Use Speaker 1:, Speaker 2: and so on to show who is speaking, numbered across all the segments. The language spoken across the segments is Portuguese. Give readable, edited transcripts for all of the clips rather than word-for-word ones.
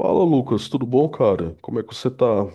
Speaker 1: Fala, Lucas, tudo bom, cara? Como é que você tá?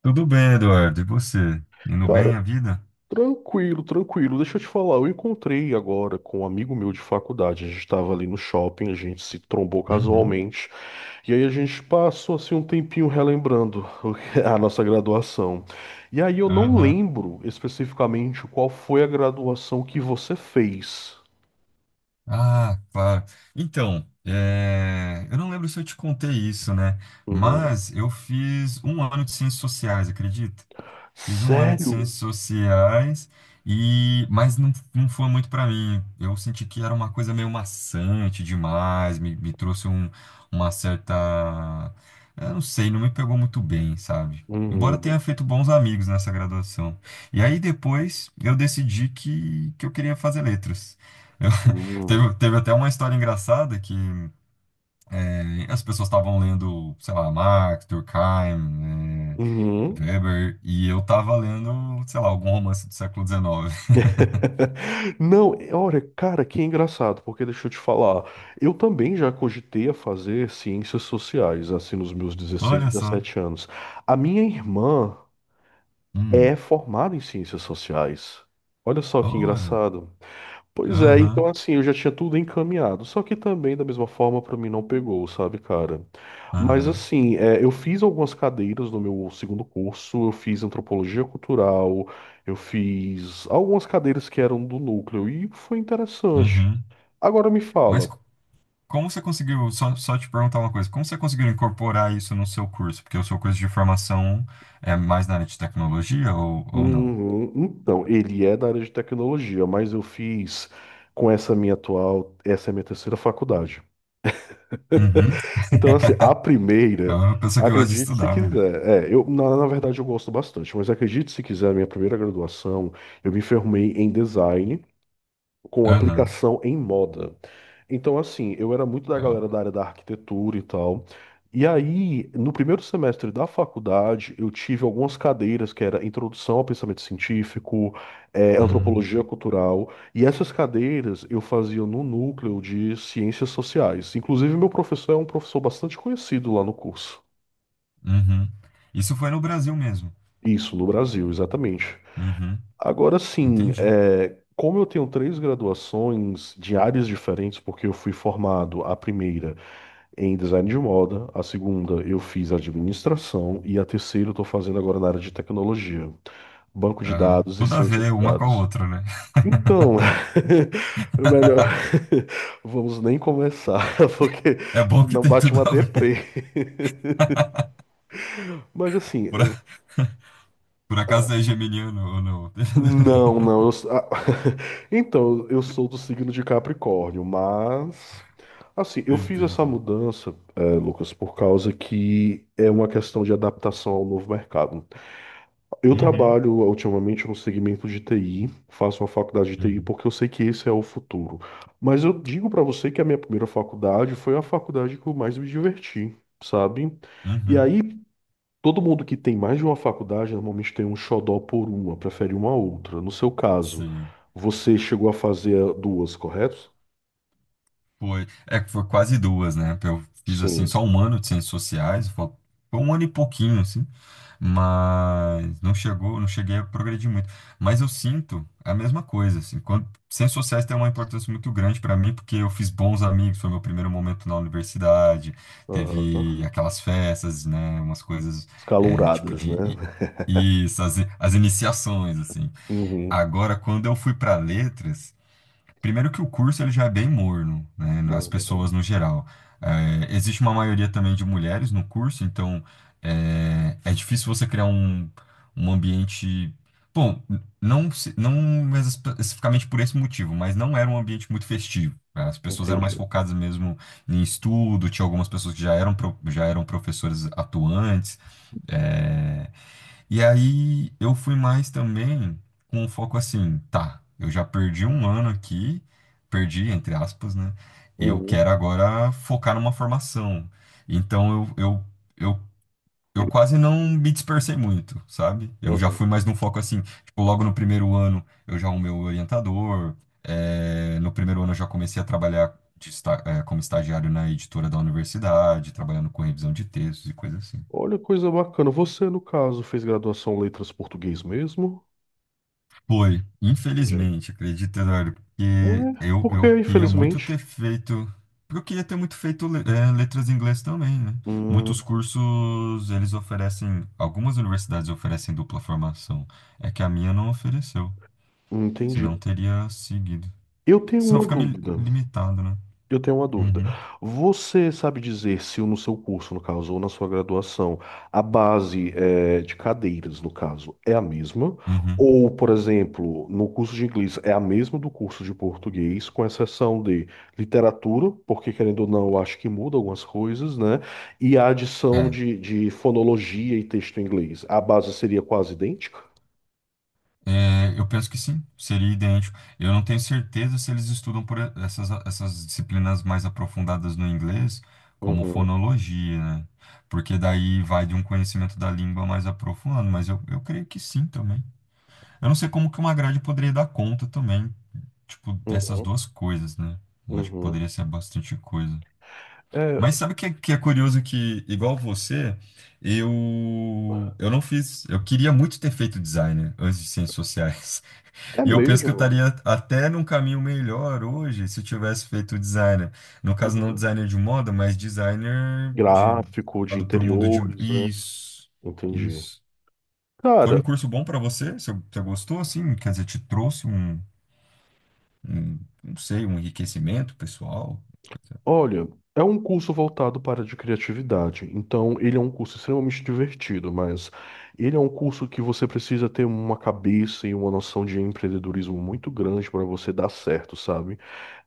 Speaker 2: Tudo bem, Eduardo. E você? Indo
Speaker 1: Cara,
Speaker 2: bem a vida?
Speaker 1: tranquilo. Deixa eu te falar, eu encontrei agora com um amigo meu de faculdade. A gente tava ali no shopping, a gente se trombou
Speaker 2: Uhum.
Speaker 1: casualmente, e aí a gente passou assim um tempinho relembrando o que- é a nossa graduação. E aí eu não
Speaker 2: Aham.
Speaker 1: lembro especificamente qual foi a graduação que você fez.
Speaker 2: Ah, claro. Então, eu não lembro se eu te contei isso, né?
Speaker 1: Uhum.
Speaker 2: Mas eu fiz um ano de ciências sociais, acredita? Fiz um ano de
Speaker 1: Sério?
Speaker 2: ciências sociais e mas não foi muito para mim. Eu senti que era uma coisa meio maçante demais, me trouxe uma certa, eu não sei, não me pegou muito bem, sabe? Embora tenha
Speaker 1: Uhum.
Speaker 2: feito bons amigos nessa graduação. E aí depois eu decidi que eu queria fazer letras. Eu-
Speaker 1: Uhum.
Speaker 2: teve até uma história engraçada que as pessoas estavam lendo, sei lá, Marx, Durkheim,
Speaker 1: Uhum.
Speaker 2: Weber, e eu tava lendo, sei lá, algum romance do século XIX.
Speaker 1: Não, é- Olha, cara, que engraçado, porque deixa eu te falar, eu também já cogitei a fazer ciências sociais, assim, nos meus dezesseis,
Speaker 2: Olha só.
Speaker 1: 17 anos. A minha irmã é
Speaker 2: Hum,
Speaker 1: formada em ciências sociais. Olha só que
Speaker 2: olha.
Speaker 1: engraçado. Pois é, então
Speaker 2: Aham,
Speaker 1: assim, eu já tinha tudo encaminhado. Só que também, da mesma forma, pra mim não pegou, sabe, cara? Mas
Speaker 2: aham,
Speaker 1: assim, é, eu fiz algumas cadeiras no meu segundo curso, eu fiz antropologia cultural, eu fiz algumas cadeiras que eram do núcleo e foi interessante.
Speaker 2: uhum.
Speaker 1: Agora me
Speaker 2: Mas
Speaker 1: fala,
Speaker 2: co- como você conseguiu, só te perguntar uma coisa, como você conseguiu incorporar isso no seu curso? Porque o seu curso de formação é mais na área de tecnologia ou não?
Speaker 1: uhum, então, ele é da área de tecnologia, mas eu fiz com essa minha atual, essa é a minha terceira faculdade.
Speaker 2: Uhum.
Speaker 1: Então, assim, a
Speaker 2: É
Speaker 1: primeira,
Speaker 2: uma pessoa que gosta de
Speaker 1: acredite se
Speaker 2: estudar, menino.
Speaker 1: quiser. É, na verdade, eu gosto bastante, mas acredite se quiser, a minha primeira graduação, eu me formei em design com
Speaker 2: Aham.
Speaker 1: aplicação em moda. Então, assim, eu era muito da
Speaker 2: Ó.
Speaker 1: galera da área da arquitetura e tal. E aí, no primeiro semestre da faculdade, eu tive algumas cadeiras que era Introdução ao Pensamento Científico,
Speaker 2: Hum.
Speaker 1: Antropologia Cultural, e essas cadeiras eu fazia no núcleo de Ciências Sociais. Inclusive, meu professor é um professor bastante conhecido lá no curso.
Speaker 2: Uhum. Isso foi no Brasil mesmo.
Speaker 1: Isso, no Brasil, exatamente.
Speaker 2: Uhum,
Speaker 1: Agora sim,
Speaker 2: entendi.
Speaker 1: é, como eu tenho três graduações de áreas diferentes, porque eu fui formado a primeira em design de moda, a segunda eu fiz administração e a terceira eu estou fazendo agora na área de tecnologia, banco de
Speaker 2: Aham.
Speaker 1: dados e
Speaker 2: Tudo a
Speaker 1: ciência
Speaker 2: ver
Speaker 1: de
Speaker 2: uma com a
Speaker 1: dados.
Speaker 2: outra, né?
Speaker 1: Então, o melhor, vamos nem começar, porque
Speaker 2: É bom que
Speaker 1: senão
Speaker 2: tem
Speaker 1: bate
Speaker 2: tudo
Speaker 1: uma
Speaker 2: a ver.
Speaker 1: deprê. Mas assim,
Speaker 2: Por, a- Por acaso é geminiano ou não?
Speaker 1: não. Então, eu sou do signo de Capricórnio, mas. Assim, eu fiz essa
Speaker 2: Entendi.
Speaker 1: mudança, Lucas, por causa que é uma questão de adaptação ao novo mercado. Eu
Speaker 2: Uhum,
Speaker 1: trabalho ultimamente no segmento de TI, faço uma faculdade de TI
Speaker 2: uhum,
Speaker 1: porque eu sei que esse é o futuro. Mas eu digo pra você que a minha primeira faculdade foi a faculdade que eu mais me diverti, sabe? E
Speaker 2: uhum.
Speaker 1: aí, todo mundo que tem mais de uma faculdade normalmente tem um xodó por uma, prefere uma a outra. No seu caso,
Speaker 2: Sim.
Speaker 1: você chegou a fazer duas, correto?
Speaker 2: Foi, é que foi quase duas, né? Eu fiz assim
Speaker 1: Sim.
Speaker 2: só um ano de ciências sociais, foi um ano e pouquinho assim, mas não chegou, não cheguei a progredir muito. Mas eu sinto a mesma coisa assim, quando ciências sociais tem uma importância muito grande para mim porque eu fiz bons amigos, foi meu primeiro momento na universidade,
Speaker 1: Aham.
Speaker 2: teve aquelas festas, né? Umas coisas é, tipo
Speaker 1: Escalouradas, né?
Speaker 2: de isso, as iniciações assim.
Speaker 1: Uhum.
Speaker 2: Agora, quando eu fui para letras, primeiro que o curso ele já é bem morno, né, nas
Speaker 1: Uhum.
Speaker 2: pessoas no geral. É, existe uma maioria também de mulheres no curso, então é difícil você criar um ambiente. Bom, não, não especificamente por esse motivo, mas não era um ambiente muito festivo. Né, as pessoas eram mais
Speaker 1: Entendi.
Speaker 2: focadas mesmo em estudo, tinha algumas pessoas que já eram, já eram professores atuantes. é, e aí eu fui mais também com um foco assim, tá, eu já perdi um ano aqui, perdi, entre aspas, né? Eu
Speaker 1: Uhum.
Speaker 2: quero agora focar numa formação. Então eu, eu quase não me dispersei muito, sabe? Eu já
Speaker 1: Uhum.
Speaker 2: fui mais num foco assim, tipo, logo no primeiro ano eu já arrumei o orientador, no primeiro ano eu já comecei a trabalhar como estagiário na editora da universidade, trabalhando com revisão de textos e coisas assim.
Speaker 1: Olha, coisa bacana. Você, no caso, fez graduação em letras português mesmo?
Speaker 2: Foi,
Speaker 1: Entendi.
Speaker 2: infelizmente, acredita, Eduardo,
Speaker 1: Não
Speaker 2: porque
Speaker 1: é? Porque,
Speaker 2: eu queria muito
Speaker 1: infelizmente.
Speaker 2: ter feito. Porque eu queria ter muito feito letras em inglês também, né?
Speaker 1: Hum,
Speaker 2: Muitos cursos, eles oferecem. Algumas universidades oferecem dupla formação. É que a minha não ofereceu.
Speaker 1: entendi.
Speaker 2: Senão teria seguido.
Speaker 1: Eu tenho
Speaker 2: Senão
Speaker 1: uma
Speaker 2: fica me
Speaker 1: dúvida.
Speaker 2: limitado, né?
Speaker 1: Eu tenho uma dúvida.
Speaker 2: Uhum,
Speaker 1: Você sabe dizer se no seu curso, no caso, ou na sua graduação, a base de cadeiras, no caso, é a mesma?
Speaker 2: uhum.
Speaker 1: Ou, por exemplo, no curso de inglês é a mesma do curso de português, com exceção de literatura, porque querendo ou não, eu acho que muda algumas coisas, né? E a adição
Speaker 2: É.
Speaker 1: de fonologia e texto em inglês. A base seria quase idêntica?
Speaker 2: É, eu penso que sim, seria idêntico. Eu não tenho certeza se eles estudam essas disciplinas mais aprofundadas no inglês, como
Speaker 1: Uhum,
Speaker 2: fonologia, né? Porque daí vai de um conhecimento da língua mais aprofundado, mas eu creio que sim também. Eu não sei como que uma grade poderia dar conta também, tipo,
Speaker 1: uhum,
Speaker 2: dessas duas coisas, né? Eu acho que
Speaker 1: uhum.
Speaker 2: poderia ser bastante coisa.
Speaker 1: É,
Speaker 2: Mas sabe o que, que é curioso que, igual você, eu não fiz. Eu queria muito ter feito designer antes de ciências sociais.
Speaker 1: é
Speaker 2: E eu penso que eu
Speaker 1: mesmo.
Speaker 2: estaria até num caminho melhor hoje se eu tivesse feito designer. No caso, não
Speaker 1: Uhum.
Speaker 2: designer de moda, mas designer de
Speaker 1: Gráfico de
Speaker 2: lado para o mundo de.
Speaker 1: interiores, né?
Speaker 2: Isso,
Speaker 1: Entendi.
Speaker 2: isso. Foi um
Speaker 1: Cara,
Speaker 2: curso bom para você? Você gostou, assim? Quer dizer, te trouxe um, não sei, um enriquecimento pessoal?
Speaker 1: olha, é um curso voltado para a de criatividade. Então, ele é um curso extremamente divertido, mas ele é um curso que você precisa ter uma cabeça e uma noção de empreendedorismo muito grande para você dar certo, sabe?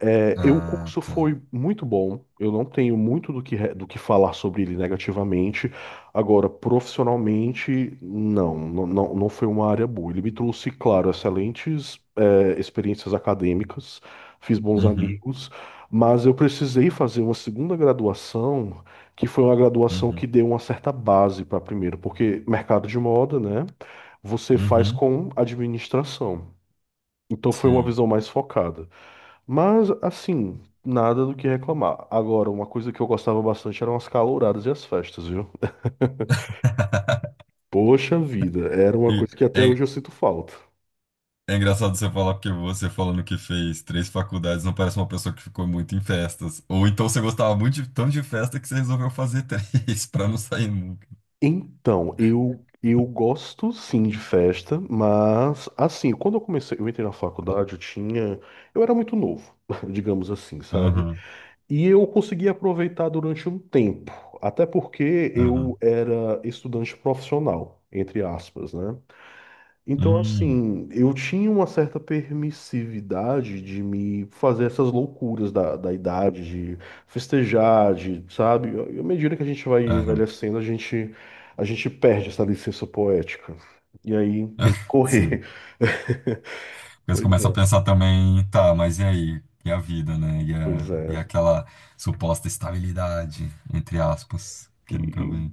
Speaker 1: É, eu, o
Speaker 2: Ah,
Speaker 1: curso
Speaker 2: tá.
Speaker 1: foi muito bom. Eu não tenho muito do que falar sobre ele negativamente. Agora, profissionalmente, não foi uma área boa. Ele me trouxe, claro, excelentes, é, experiências acadêmicas, fiz bons
Speaker 2: Uhum,
Speaker 1: amigos, mas eu precisei fazer uma segunda graduação, que foi uma graduação que
Speaker 2: uhum,
Speaker 1: deu uma certa base para a primeira, porque mercado de moda, né? Você faz
Speaker 2: uhum.
Speaker 1: com administração. Então foi uma
Speaker 2: Sim.
Speaker 1: visão mais focada. Mas, assim, nada do que reclamar. Agora, uma coisa que eu gostava bastante eram as calouradas e as festas, viu? Poxa vida, era uma
Speaker 2: E,
Speaker 1: coisa que até hoje
Speaker 2: é,
Speaker 1: eu sinto falta.
Speaker 2: é engraçado você falar porque você falando que fez três faculdades não parece uma pessoa que ficou muito em festas. Ou então você gostava muito tanto de festa que você resolveu fazer três pra não sair nunca.
Speaker 1: Então, eu gosto sim de festa, mas assim, quando eu comecei, eu entrei na faculdade, eu tinha, eu era muito novo, digamos assim, sabe?
Speaker 2: Aham,
Speaker 1: E eu consegui aproveitar durante um tempo, até porque
Speaker 2: aham.
Speaker 1: eu era estudante profissional, entre aspas, né? Então,
Speaker 2: Hum,
Speaker 1: assim, eu tinha uma certa permissividade de me fazer essas loucuras da idade, de festejar, de, sabe? E à medida que a gente vai
Speaker 2: aham.
Speaker 1: envelhecendo, a gente perde essa licença poética. E aí tem que
Speaker 2: Sim.
Speaker 1: correr.
Speaker 2: Porque você
Speaker 1: Pois
Speaker 2: começa a
Speaker 1: é,
Speaker 2: pensar também, tá, mas e aí? E a vida, né?
Speaker 1: pois é.
Speaker 2: E aquela suposta estabilidade, entre aspas, que nunca
Speaker 1: E
Speaker 2: vem.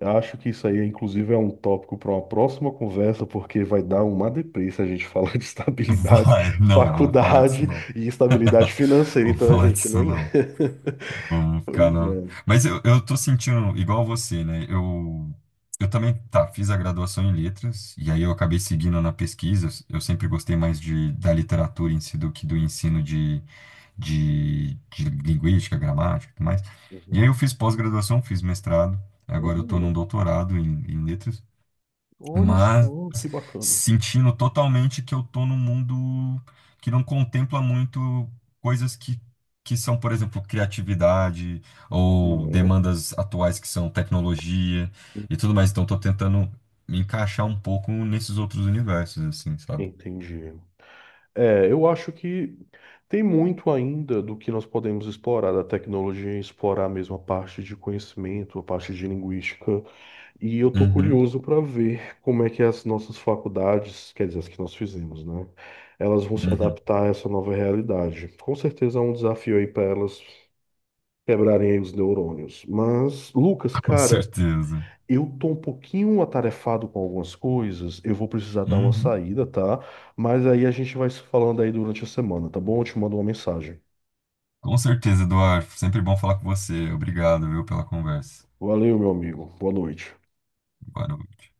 Speaker 1: acho que isso aí, inclusive, é um tópico para uma próxima conversa, porque vai dar uma deprê se a gente falar de estabilidade,
Speaker 2: Vai, não vamos falar disso
Speaker 1: faculdade
Speaker 2: não.
Speaker 1: e estabilidade financeira.
Speaker 2: Vamos
Speaker 1: Então a
Speaker 2: falar
Speaker 1: gente não.
Speaker 2: disso não. Vamos ficar
Speaker 1: Pois
Speaker 2: na.
Speaker 1: é.
Speaker 2: Mas eu tô sentindo igual você, né? Eu também, tá, fiz a graduação em letras, e aí eu acabei seguindo na pesquisa. Eu sempre gostei mais de, da literatura em si do que do ensino de linguística, gramática e tudo mais. E aí
Speaker 1: Uhum.
Speaker 2: eu fiz pós-graduação, fiz mestrado, agora eu tô num
Speaker 1: Hum,
Speaker 2: doutorado em letras,
Speaker 1: olha
Speaker 2: mas
Speaker 1: só, que bacana.
Speaker 2: sentindo totalmente que eu tô num mundo que não contempla muito coisas que são, por exemplo, criatividade ou
Speaker 1: Uhum.
Speaker 2: demandas atuais que são tecnologia e tudo mais. Então, tô tentando me encaixar um pouco nesses outros universos, assim, sabe?
Speaker 1: Entendi. É, eu acho que tem muito ainda do que nós podemos explorar da tecnologia, explorar mesmo a parte de conhecimento, a parte de linguística. E eu tô
Speaker 2: Uhum,
Speaker 1: curioso para ver como é que as nossas faculdades, quer dizer, as que nós fizemos, né? Elas vão se
Speaker 2: uhum,
Speaker 1: adaptar a essa nova realidade. Com certeza é um desafio aí para elas quebrarem aí os neurônios. Mas, Lucas,
Speaker 2: com
Speaker 1: cara,
Speaker 2: certeza.
Speaker 1: eu tô um pouquinho atarefado com algumas coisas, eu vou precisar dar uma
Speaker 2: Uhum.
Speaker 1: saída, tá? Mas aí a gente vai se falando aí durante a semana, tá bom? Eu te mando uma mensagem.
Speaker 2: Com certeza, Eduardo. Sempre bom falar com você. Obrigado, viu, pela conversa.
Speaker 1: Valeu, meu amigo. Boa noite.
Speaker 2: Boa noite.